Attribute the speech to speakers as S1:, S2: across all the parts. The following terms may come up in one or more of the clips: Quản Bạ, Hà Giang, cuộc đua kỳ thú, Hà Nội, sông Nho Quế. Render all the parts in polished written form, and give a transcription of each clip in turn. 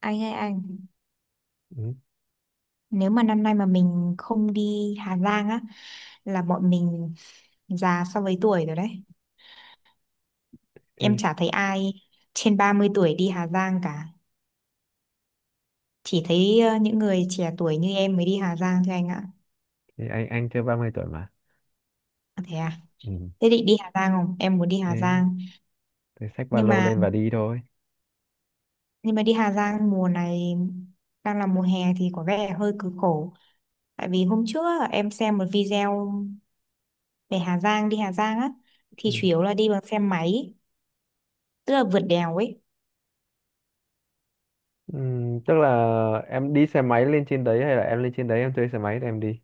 S1: Anh ơi anh,
S2: ừ.
S1: nếu mà năm nay mà mình không đi Hà Giang á là bọn mình già so với tuổi rồi đấy. Em
S2: thì,
S1: chả thấy ai trên 30 tuổi đi Hà Giang cả, chỉ thấy những người trẻ tuổi như em mới đi Hà Giang thôi anh ạ.
S2: thì anh chưa 30 tuổi mà.
S1: À, thế à?
S2: Ừ,
S1: Thế định đi Hà Giang không, em muốn đi Hà
S2: đấy
S1: Giang.
S2: thì xách ba
S1: nhưng
S2: lô
S1: mà
S2: lên và đi thôi.
S1: nhưng mà đi Hà Giang mùa này đang là mùa hè thì có vẻ hơi cực khổ. Tại vì hôm trước á, em xem một video về Hà Giang, đi Hà Giang á thì
S2: Ừ.
S1: chủ yếu là đi bằng xe máy, tức là vượt đèo ấy.
S2: Ừ, tức là em đi xe máy lên trên đấy hay là em lên trên đấy em thuê xe máy để em đi?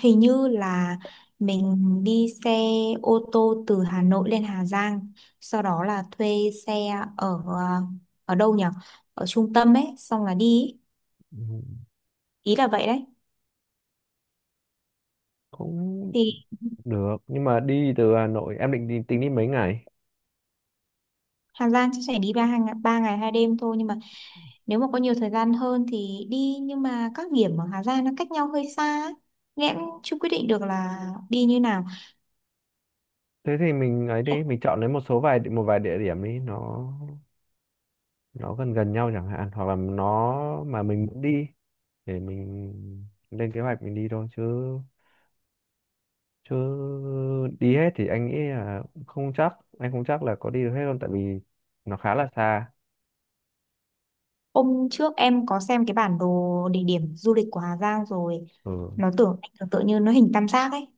S1: Hình như là mình đi xe ô tô từ Hà Nội lên Hà Giang, sau đó là thuê xe ở ở đâu nhỉ, ở trung tâm ấy xong là đi.
S2: Ừ,
S1: Ý là vậy đấy.
S2: cũng
S1: Thì
S2: được, nhưng mà đi từ Hà Nội em định đi, tính đi mấy ngày?
S1: Hà Giang chắc sẽ đi 3 ngày, 3 ngày 2 đêm thôi, nhưng mà nếu mà có nhiều thời gian hơn thì đi, nhưng mà các điểm ở Hà Giang nó cách nhau hơi xa ấy. Nên em cũng chưa quyết định được là đi như nào.
S2: Thế thì mình ấy đi, mình chọn lấy một vài địa điểm đi, nó gần gần nhau chẳng hạn, hoặc là nó mà mình muốn đi để mình lên kế hoạch mình đi thôi Chứ đi hết thì anh nghĩ là không chắc, anh không chắc là có đi được hết luôn tại vì nó khá là xa.
S1: Hôm trước em có xem cái bản đồ địa điểm du lịch của Hà Giang rồi.
S2: Ừ.
S1: Nó tưởng anh tưởng tượng như nó hình tam giác ấy,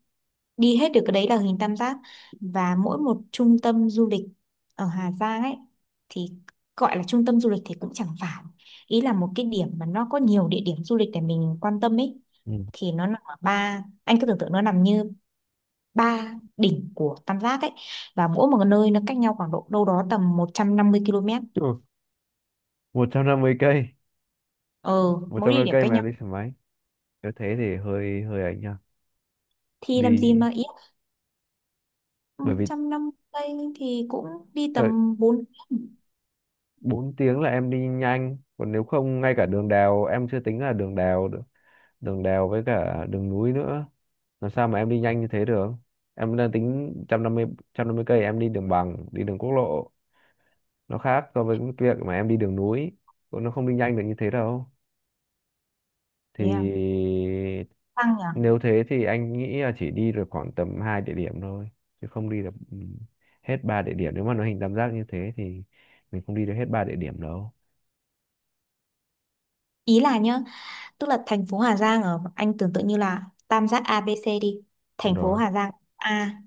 S1: đi hết được cái đấy là hình tam giác. Và mỗi một trung tâm du lịch ở Hà Giang ấy thì, gọi là trung tâm du lịch thì cũng chẳng phải, ý là một cái điểm mà nó có nhiều địa điểm du lịch để mình quan tâm ấy, thì nó nằm ở ba, anh cứ tưởng tượng nó nằm như ba đỉnh của tam giác ấy. Và mỗi một nơi nó cách nhau khoảng độ đâu đó tầm 150 km.
S2: Ừ. một trăm năm mươi cây
S1: Ờ,
S2: một
S1: mỗi
S2: trăm năm
S1: địa
S2: mươi
S1: điểm
S2: cây
S1: cách
S2: mà
S1: nhau
S2: em đi xe máy, nếu thế thì hơi hơi ấy nha.
S1: thì làm gì
S2: Đi,
S1: mà ý,
S2: bởi vì
S1: 150 thì cũng đi
S2: thời
S1: tầm bốn.
S2: 4 tiếng là em đi nhanh, còn nếu không ngay cả đường đèo, em chưa tính là đường đèo nữa. Đường đèo với cả đường núi nữa, làm sao mà em đi nhanh như thế được. Em đang tính một trăm năm mươi cây em đi đường bằng đi đường quốc lộ, nó khác so với cái việc mà em đi đường núi, nó không đi nhanh được như thế đâu.
S1: Thế à,
S2: Thì
S1: tăng nhỉ.
S2: nếu thế thì anh nghĩ là chỉ đi được khoảng tầm hai địa điểm thôi, chứ không đi được, hết ba địa điểm. Nếu mà nó hình tam giác như thế thì mình không đi được hết ba địa điểm đâu.
S1: Ý là nhá, tức là thành phố Hà Giang ở, anh tưởng tượng như là tam giác ABC đi.
S2: Đúng
S1: Thành phố
S2: rồi,
S1: Hà Giang A,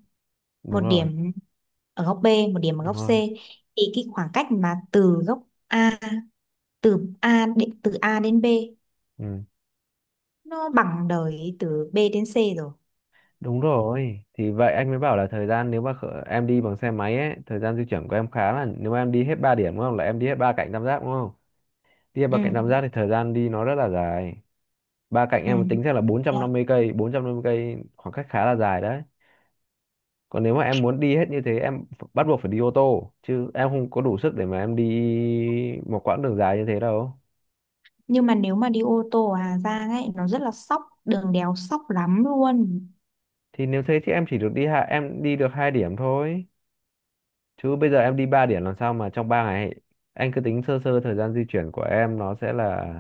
S1: một
S2: đúng rồi,
S1: điểm ở góc B, một điểm ở góc
S2: đúng
S1: C.
S2: rồi.
S1: Thì cái khoảng cách mà từ góc A, từ A đến B
S2: Ừ,
S1: nó bằng đời từ B đến C rồi.
S2: đúng rồi, thì vậy anh mới bảo là thời gian, nếu mà em đi bằng xe máy ấy, thời gian di chuyển của em khá là, nếu mà em đi hết ba điểm đúng không, là em đi hết ba cạnh tam giác đúng không. Đi hết
S1: Ừ.
S2: ba cạnh tam giác thì thời gian đi nó rất là dài. Ba cạnh
S1: Ừ.
S2: em tính ra là bốn
S1: Thế
S2: trăm
S1: à?
S2: năm mươi cây bốn trăm năm mươi cây khoảng cách khá là dài đấy. Còn nếu mà em muốn đi hết như thế, em bắt buộc phải đi ô tô, chứ em không có đủ sức để mà em đi một quãng đường dài như thế đâu.
S1: Nhưng mà nếu mà đi ô tô ở Hà Giang ấy nó rất là sóc, đường đèo sóc lắm luôn.
S2: Thì nếu thế thì em chỉ được đi em đi được hai điểm thôi, chứ bây giờ em đi ba điểm làm sao mà trong 3 ngày. Anh cứ tính sơ sơ thời gian di chuyển của em nó sẽ là,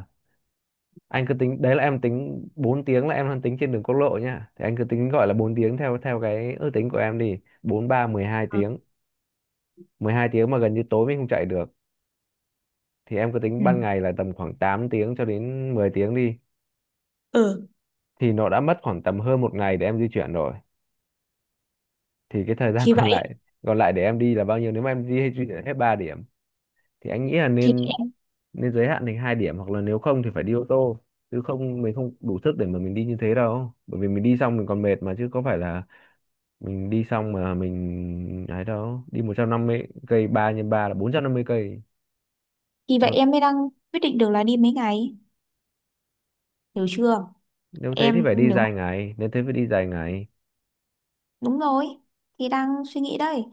S2: anh cứ tính đấy là em tính 4 tiếng là em đang tính trên đường quốc lộ nhá, thì anh cứ tính gọi là 4 tiếng theo theo cái ước tính của em đi, 4 3 12 tiếng. Mười hai tiếng mà gần như tối mình không chạy được, thì em cứ tính
S1: Ừ.
S2: ban ngày là tầm khoảng 8 tiếng cho đến 10 tiếng đi,
S1: Ừ.
S2: thì nó đã mất khoảng tầm hơn một ngày để em di chuyển rồi. Thì cái thời gian
S1: Thì
S2: còn
S1: vậy
S2: lại, còn lại để em đi là bao nhiêu nếu mà em đi hay di chuyển hết 3 điểm. Thì anh nghĩ là
S1: thì
S2: nên
S1: em,
S2: nên giới hạn thành hai điểm hoặc là nếu không thì phải đi ô tô, chứ không mình không đủ sức để mà mình đi như thế đâu. Bởi vì mình đi xong mình còn mệt mà, chứ có phải là mình đi xong mà mình ấy đâu. Đi 150 cây, 3 nhân 3 là 450 cây.
S1: thì vậy
S2: Nó,
S1: em mới đang quyết định được là đi mấy ngày, hiểu chưa.
S2: nếu thế thì
S1: Em
S2: phải đi
S1: nếu,
S2: dài ngày, nếu thế phải đi dài ngày,
S1: đúng rồi, thì đang suy nghĩ đây.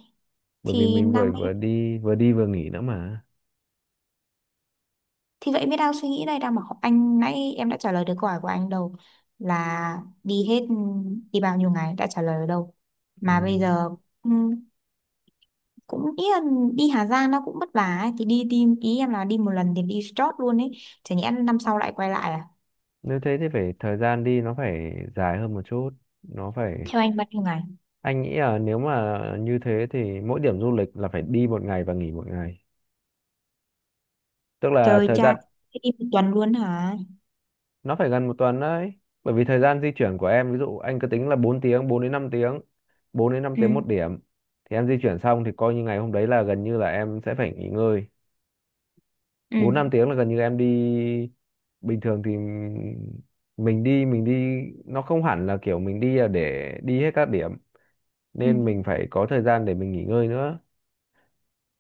S2: bởi vì
S1: Thì
S2: mình vừa
S1: năm,
S2: vừa đi vừa đi vừa nghỉ nữa mà.
S1: thì vậy mới đang suy nghĩ đây, đang bảo anh nãy em đã trả lời được câu hỏi của anh đâu, là đi hết, đi bao nhiêu ngày đã trả lời ở đâu
S2: Ừ,
S1: mà bây giờ. ừm, Cũng ý là đi Hà Giang nó cũng vất vả ấy. Thì đi đi ý em là đi một lần thì đi chót luôn ấy, chả nhẽ năm sau lại quay lại à.
S2: nếu thế thì phải, thời gian đi nó phải dài hơn một chút, nó phải.
S1: Theo anh bao nhiêu ngày?
S2: Anh nghĩ là nếu mà như thế thì mỗi điểm du lịch là phải đi một ngày và nghỉ một ngày, tức là
S1: Trời
S2: thời
S1: cha,
S2: gian
S1: thế đi một tuần luôn hả?
S2: nó phải gần một tuần đấy. Bởi vì thời gian di chuyển của em, ví dụ anh cứ tính là 4 tiếng, 4 đến 5 tiếng, 4 đến 5 tiếng
S1: Ừ.
S2: một điểm, thì em di chuyển xong thì coi như ngày hôm đấy là gần như là em sẽ phải nghỉ ngơi.
S1: Ừ.
S2: 4 5 tiếng là gần như em đi, bình thường thì mình đi, mình đi. Nó không hẳn là kiểu mình đi là để đi hết các điểm,
S1: Ừ.
S2: nên mình phải có thời gian để mình nghỉ ngơi nữa.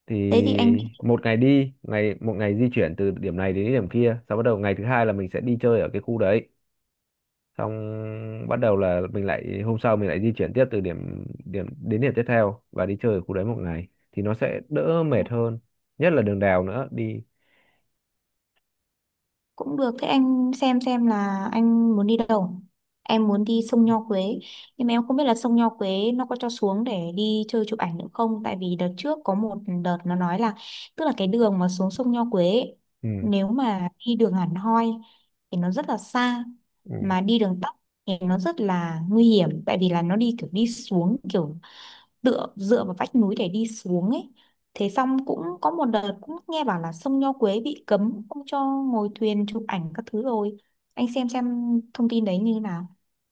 S2: Thì
S1: Thế thì anh,
S2: một ngày đi một ngày di chuyển từ điểm này đến điểm kia, sau bắt đầu ngày thứ hai là mình sẽ đi chơi ở cái khu đấy, xong bắt đầu là mình lại, hôm sau mình lại di chuyển tiếp từ điểm điểm đến điểm tiếp theo và đi chơi ở khu đấy một ngày thì nó sẽ đỡ mệt hơn, nhất là đường đèo nữa đi.
S1: cũng được. Thế anh xem là anh muốn đi đâu. Em muốn đi sông Nho Quế. Nhưng mà em không biết là sông Nho Quế nó có cho xuống để đi chơi chụp ảnh nữa không. Tại vì đợt trước có một đợt nó nói là, tức là cái đường mà xuống sông Nho Quế ấy,
S2: Ừ.
S1: nếu mà đi đường hẳn hoi thì nó rất là xa.
S2: Ừ.
S1: Mà đi đường tắt thì nó rất là nguy hiểm. Tại vì là nó đi kiểu đi xuống kiểu tựa dựa vào vách núi để đi xuống ấy. Thế xong cũng có một đợt cũng nghe bảo là sông Nho Quế bị cấm không cho ngồi thuyền chụp ảnh các thứ rồi. Anh xem thông tin đấy như thế nào,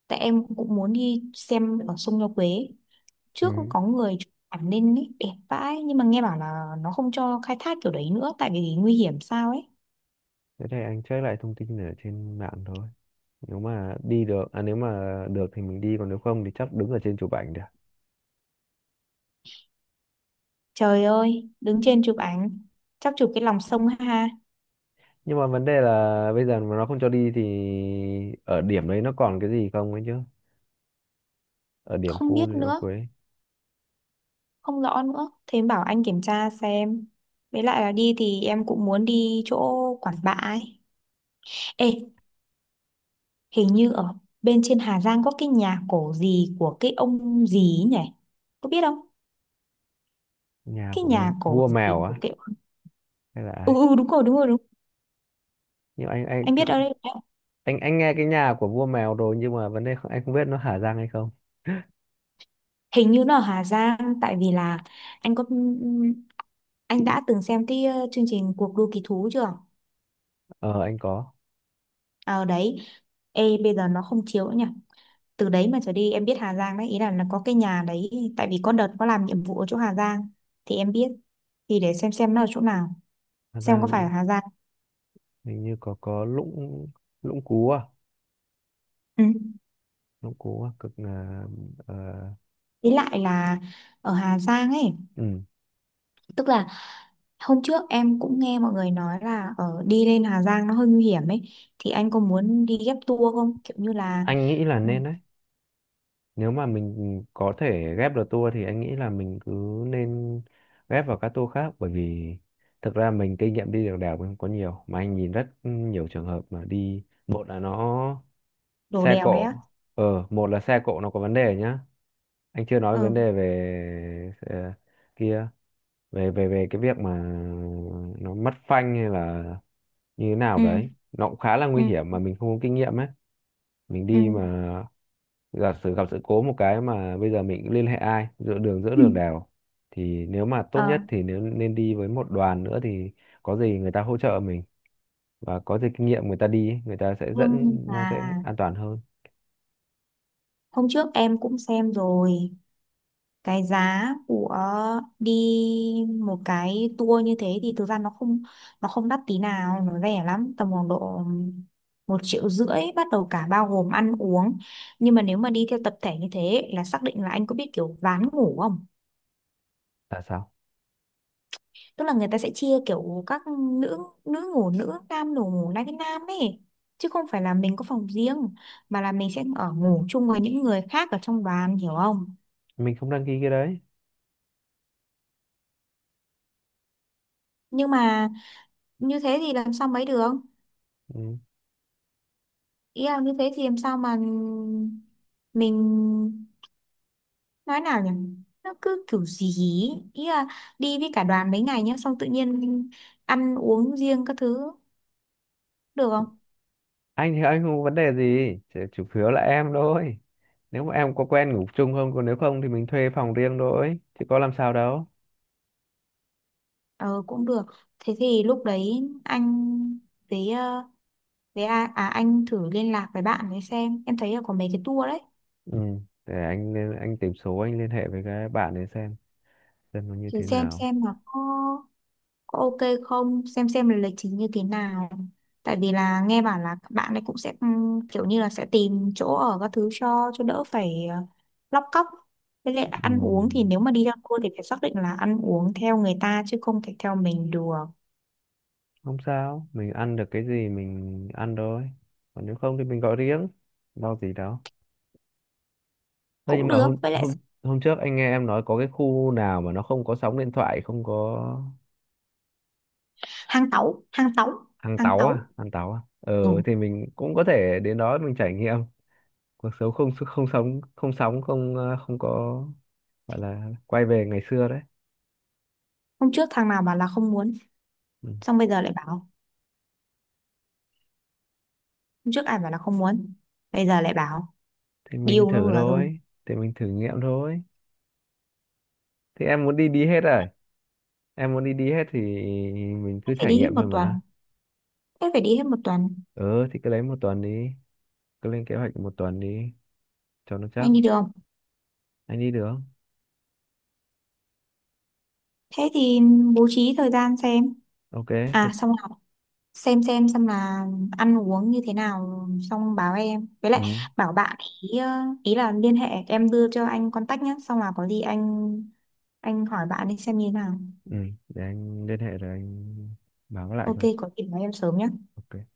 S1: tại em cũng muốn đi xem ở sông Nho Quế. Trước cũng
S2: Ừ.
S1: có người chụp ảnh lên ấy đẹp vãi, nhưng mà nghe bảo là nó không cho khai thác kiểu đấy nữa tại vì nguy hiểm sao ấy.
S2: Thế thì anh check lại thông tin ở trên mạng thôi. Nếu mà được thì mình đi, còn nếu không thì chắc đứng ở trên chụp ảnh được.
S1: Trời ơi, đứng trên chụp ảnh chắc chụp cái lòng sông ha.
S2: Nhưng mà vấn đề là bây giờ mà nó không cho đi thì ở điểm đấy nó còn cái gì không ấy chứ? Ở điểm
S1: Không
S2: khu
S1: biết
S2: Liễu
S1: nữa,
S2: Quế,
S1: không rõ nữa, thế em bảo anh kiểm tra xem. Với lại là đi thì em cũng muốn đi chỗ Quản Bạ ấy. Ê, hình như ở bên trên Hà Giang có cái nhà cổ gì của cái ông gì ấy nhỉ, có biết không?
S2: nhà
S1: Cái
S2: của
S1: nhà
S2: vua
S1: cổ
S2: vua mèo
S1: gì
S2: á,
S1: của cái,
S2: hay là
S1: ừ,
S2: ai?
S1: ừ đúng rồi, đúng rồi, đúng.
S2: Nhưng mà anh,
S1: Anh biết ở đây.
S2: anh nghe cái nhà của vua mèo rồi, nhưng mà vấn đề không- anh không biết nó Hà Giang hay không.
S1: Hình như nó ở Hà Giang tại vì là anh có, anh đã từng xem cái chương trình cuộc đua kỳ thú chưa?
S2: Ờ anh có.
S1: Ở đấy. Ê bây giờ nó không chiếu nữa nhỉ. Từ đấy mà trở đi em biết Hà Giang đấy, ý là có cái nhà đấy. Tại vì có đợt có làm nhiệm vụ ở chỗ Hà Giang thì em biết. Thì để xem nó ở chỗ nào,
S2: Hà
S1: xem
S2: Giang
S1: có phải ở
S2: hình
S1: Hà Giang.
S2: hình như có Lũng, Lũng Cú à?
S1: Ừ.
S2: Lũng Cú à? Cực là ờ,
S1: Ý lại là ở Hà Giang ấy,
S2: ừ,
S1: tức là hôm trước em cũng nghe mọi người nói là ở đi lên Hà Giang nó hơi nguy hiểm ấy, thì anh có muốn đi ghép tour không kiểu như là.
S2: anh nghĩ là
S1: Ừ,
S2: nên đấy. Nếu mà mình có thể ghép được tour thì anh nghĩ là mình cứ nên ghép vào các tour khác, bởi vì thực ra mình kinh nghiệm đi được đèo mình không có nhiều, mà anh nhìn rất nhiều trường hợp mà đi, một là nó
S1: đổ
S2: xe
S1: đèo đấy
S2: cộ,
S1: á.
S2: một là xe cộ nó có vấn đề nhá. Anh chưa nói về vấn
S1: Ừ.
S2: đề về kia, về về về cái việc mà nó mất phanh hay là như thế nào
S1: Ừ.
S2: đấy, nó cũng khá là
S1: Ừ.
S2: nguy hiểm mà mình không có kinh nghiệm ấy, mình
S1: Ừ.
S2: đi mà giả sử gặp sự cố một cái mà bây giờ mình cũng liên hệ ai giữa đường, giữa
S1: Ừ.
S2: đường đèo. Thì nếu mà tốt nhất
S1: Ờ
S2: thì nếu nên đi với một đoàn nữa thì có gì người ta hỗ trợ mình, và có gì kinh nghiệm người ta đi ấy, người ta sẽ dẫn,
S1: nhưng mà
S2: nó sẽ an toàn hơn.
S1: hôm trước em cũng xem rồi cái giá của đi một cái tour như thế thì thực ra nó không, nó không đắt tí nào, nó rẻ lắm tầm khoảng độ 1,5 triệu bắt đầu cả bao gồm ăn uống. Nhưng mà nếu mà đi theo tập thể như thế là xác định là, anh có biết kiểu ván ngủ không?
S2: Tại sao
S1: Tức là người ta sẽ chia kiểu các nữ, nữ ngủ nữ, nam ngủ ngủ nam với nam ấy, chứ không phải là mình có phòng riêng, mà là mình sẽ ở ngủ chung với những người khác ở trong đoàn, hiểu không?
S2: mình không đăng ký cái đấy?
S1: Nhưng mà như thế thì làm sao mấy được.
S2: Ừ,
S1: Ý là như thế thì làm sao mà mình, nói nào nhỉ, nó cứ kiểu gì ý. Ý là đi với cả đoàn mấy ngày nhá xong tự nhiên ăn uống riêng các thứ được không?
S2: anh thì anh không có vấn đề gì, chỉ chủ yếu là em thôi, nếu mà em có quen ngủ chung không, còn nếu không thì mình thuê phòng riêng thôi chứ có làm sao đâu.
S1: Ờ cũng được. Thế thì lúc đấy anh với với anh thử liên lạc với bạn để xem, em thấy là có mấy cái tour đấy.
S2: Ừ, để anh anh tìm số anh liên hệ với cái bạn ấy xem nó như
S1: Thử
S2: thế nào.
S1: xem là có ok không, xem xem là lịch trình như thế nào. Tại vì là nghe bảo là các bạn ấy cũng sẽ kiểu như là sẽ tìm chỗ ở các thứ cho đỡ phải lóc cóc. Với lại
S2: Ừ,
S1: ăn uống thì nếu mà đi ra cua thì phải xác định là ăn uống theo người ta chứ không thể theo mình được.
S2: không sao, mình ăn được cái gì mình ăn thôi. Còn nếu không thì mình gọi riêng, lo gì đâu. Thế
S1: Cũng
S2: nhưng mà
S1: được.
S2: hôm
S1: Với lại
S2: hôm hôm trước anh nghe em nói có cái khu nào mà nó không có sóng điện thoại, không có,
S1: hàng tấu hàng tấu
S2: hàng
S1: hàng
S2: táo
S1: tấu
S2: à, hàng táo à. Ờ
S1: Ừ.
S2: thì mình cũng có thể đến đó mình trải nghiệm cuộc sống không không sóng không không có, gọi là quay về ngày xưa đấy.
S1: Hôm trước thằng nào bảo là không muốn,
S2: Ừ.
S1: xong bây giờ lại bảo. Hôm trước ai bảo là không muốn, bây giờ lại bảo.
S2: Thì mình
S1: Điều nó
S2: thử
S1: vừa thôi.
S2: thôi, thì mình thử nghiệm thôi. Thì em muốn đi đi hết rồi. Em muốn đi đi hết thì mình cứ
S1: Phải
S2: trải
S1: đi hết
S2: nghiệm
S1: một
S2: thôi
S1: tuần.
S2: mà.
S1: Thế phải đi hết một tuần.
S2: Ừ thì cứ lấy một tuần đi, cứ lên kế hoạch một tuần đi cho nó chắc.
S1: Anh đi được không?
S2: Anh đi được không?
S1: Thế thì bố trí thời gian xem.
S2: Ok. Thế,
S1: À xong là xem xem là ăn uống như thế nào xong báo em. Với lại
S2: ừ,
S1: bảo bạn, ý ờ, ý là liên hệ, em đưa cho anh contact nhé, xong là có gì anh hỏi bạn đi xem như thế nào.
S2: ừ, để anh liên hệ rồi anh báo lại
S1: Ok
S2: cho.
S1: có gì nói em sớm nhé.
S2: Ok.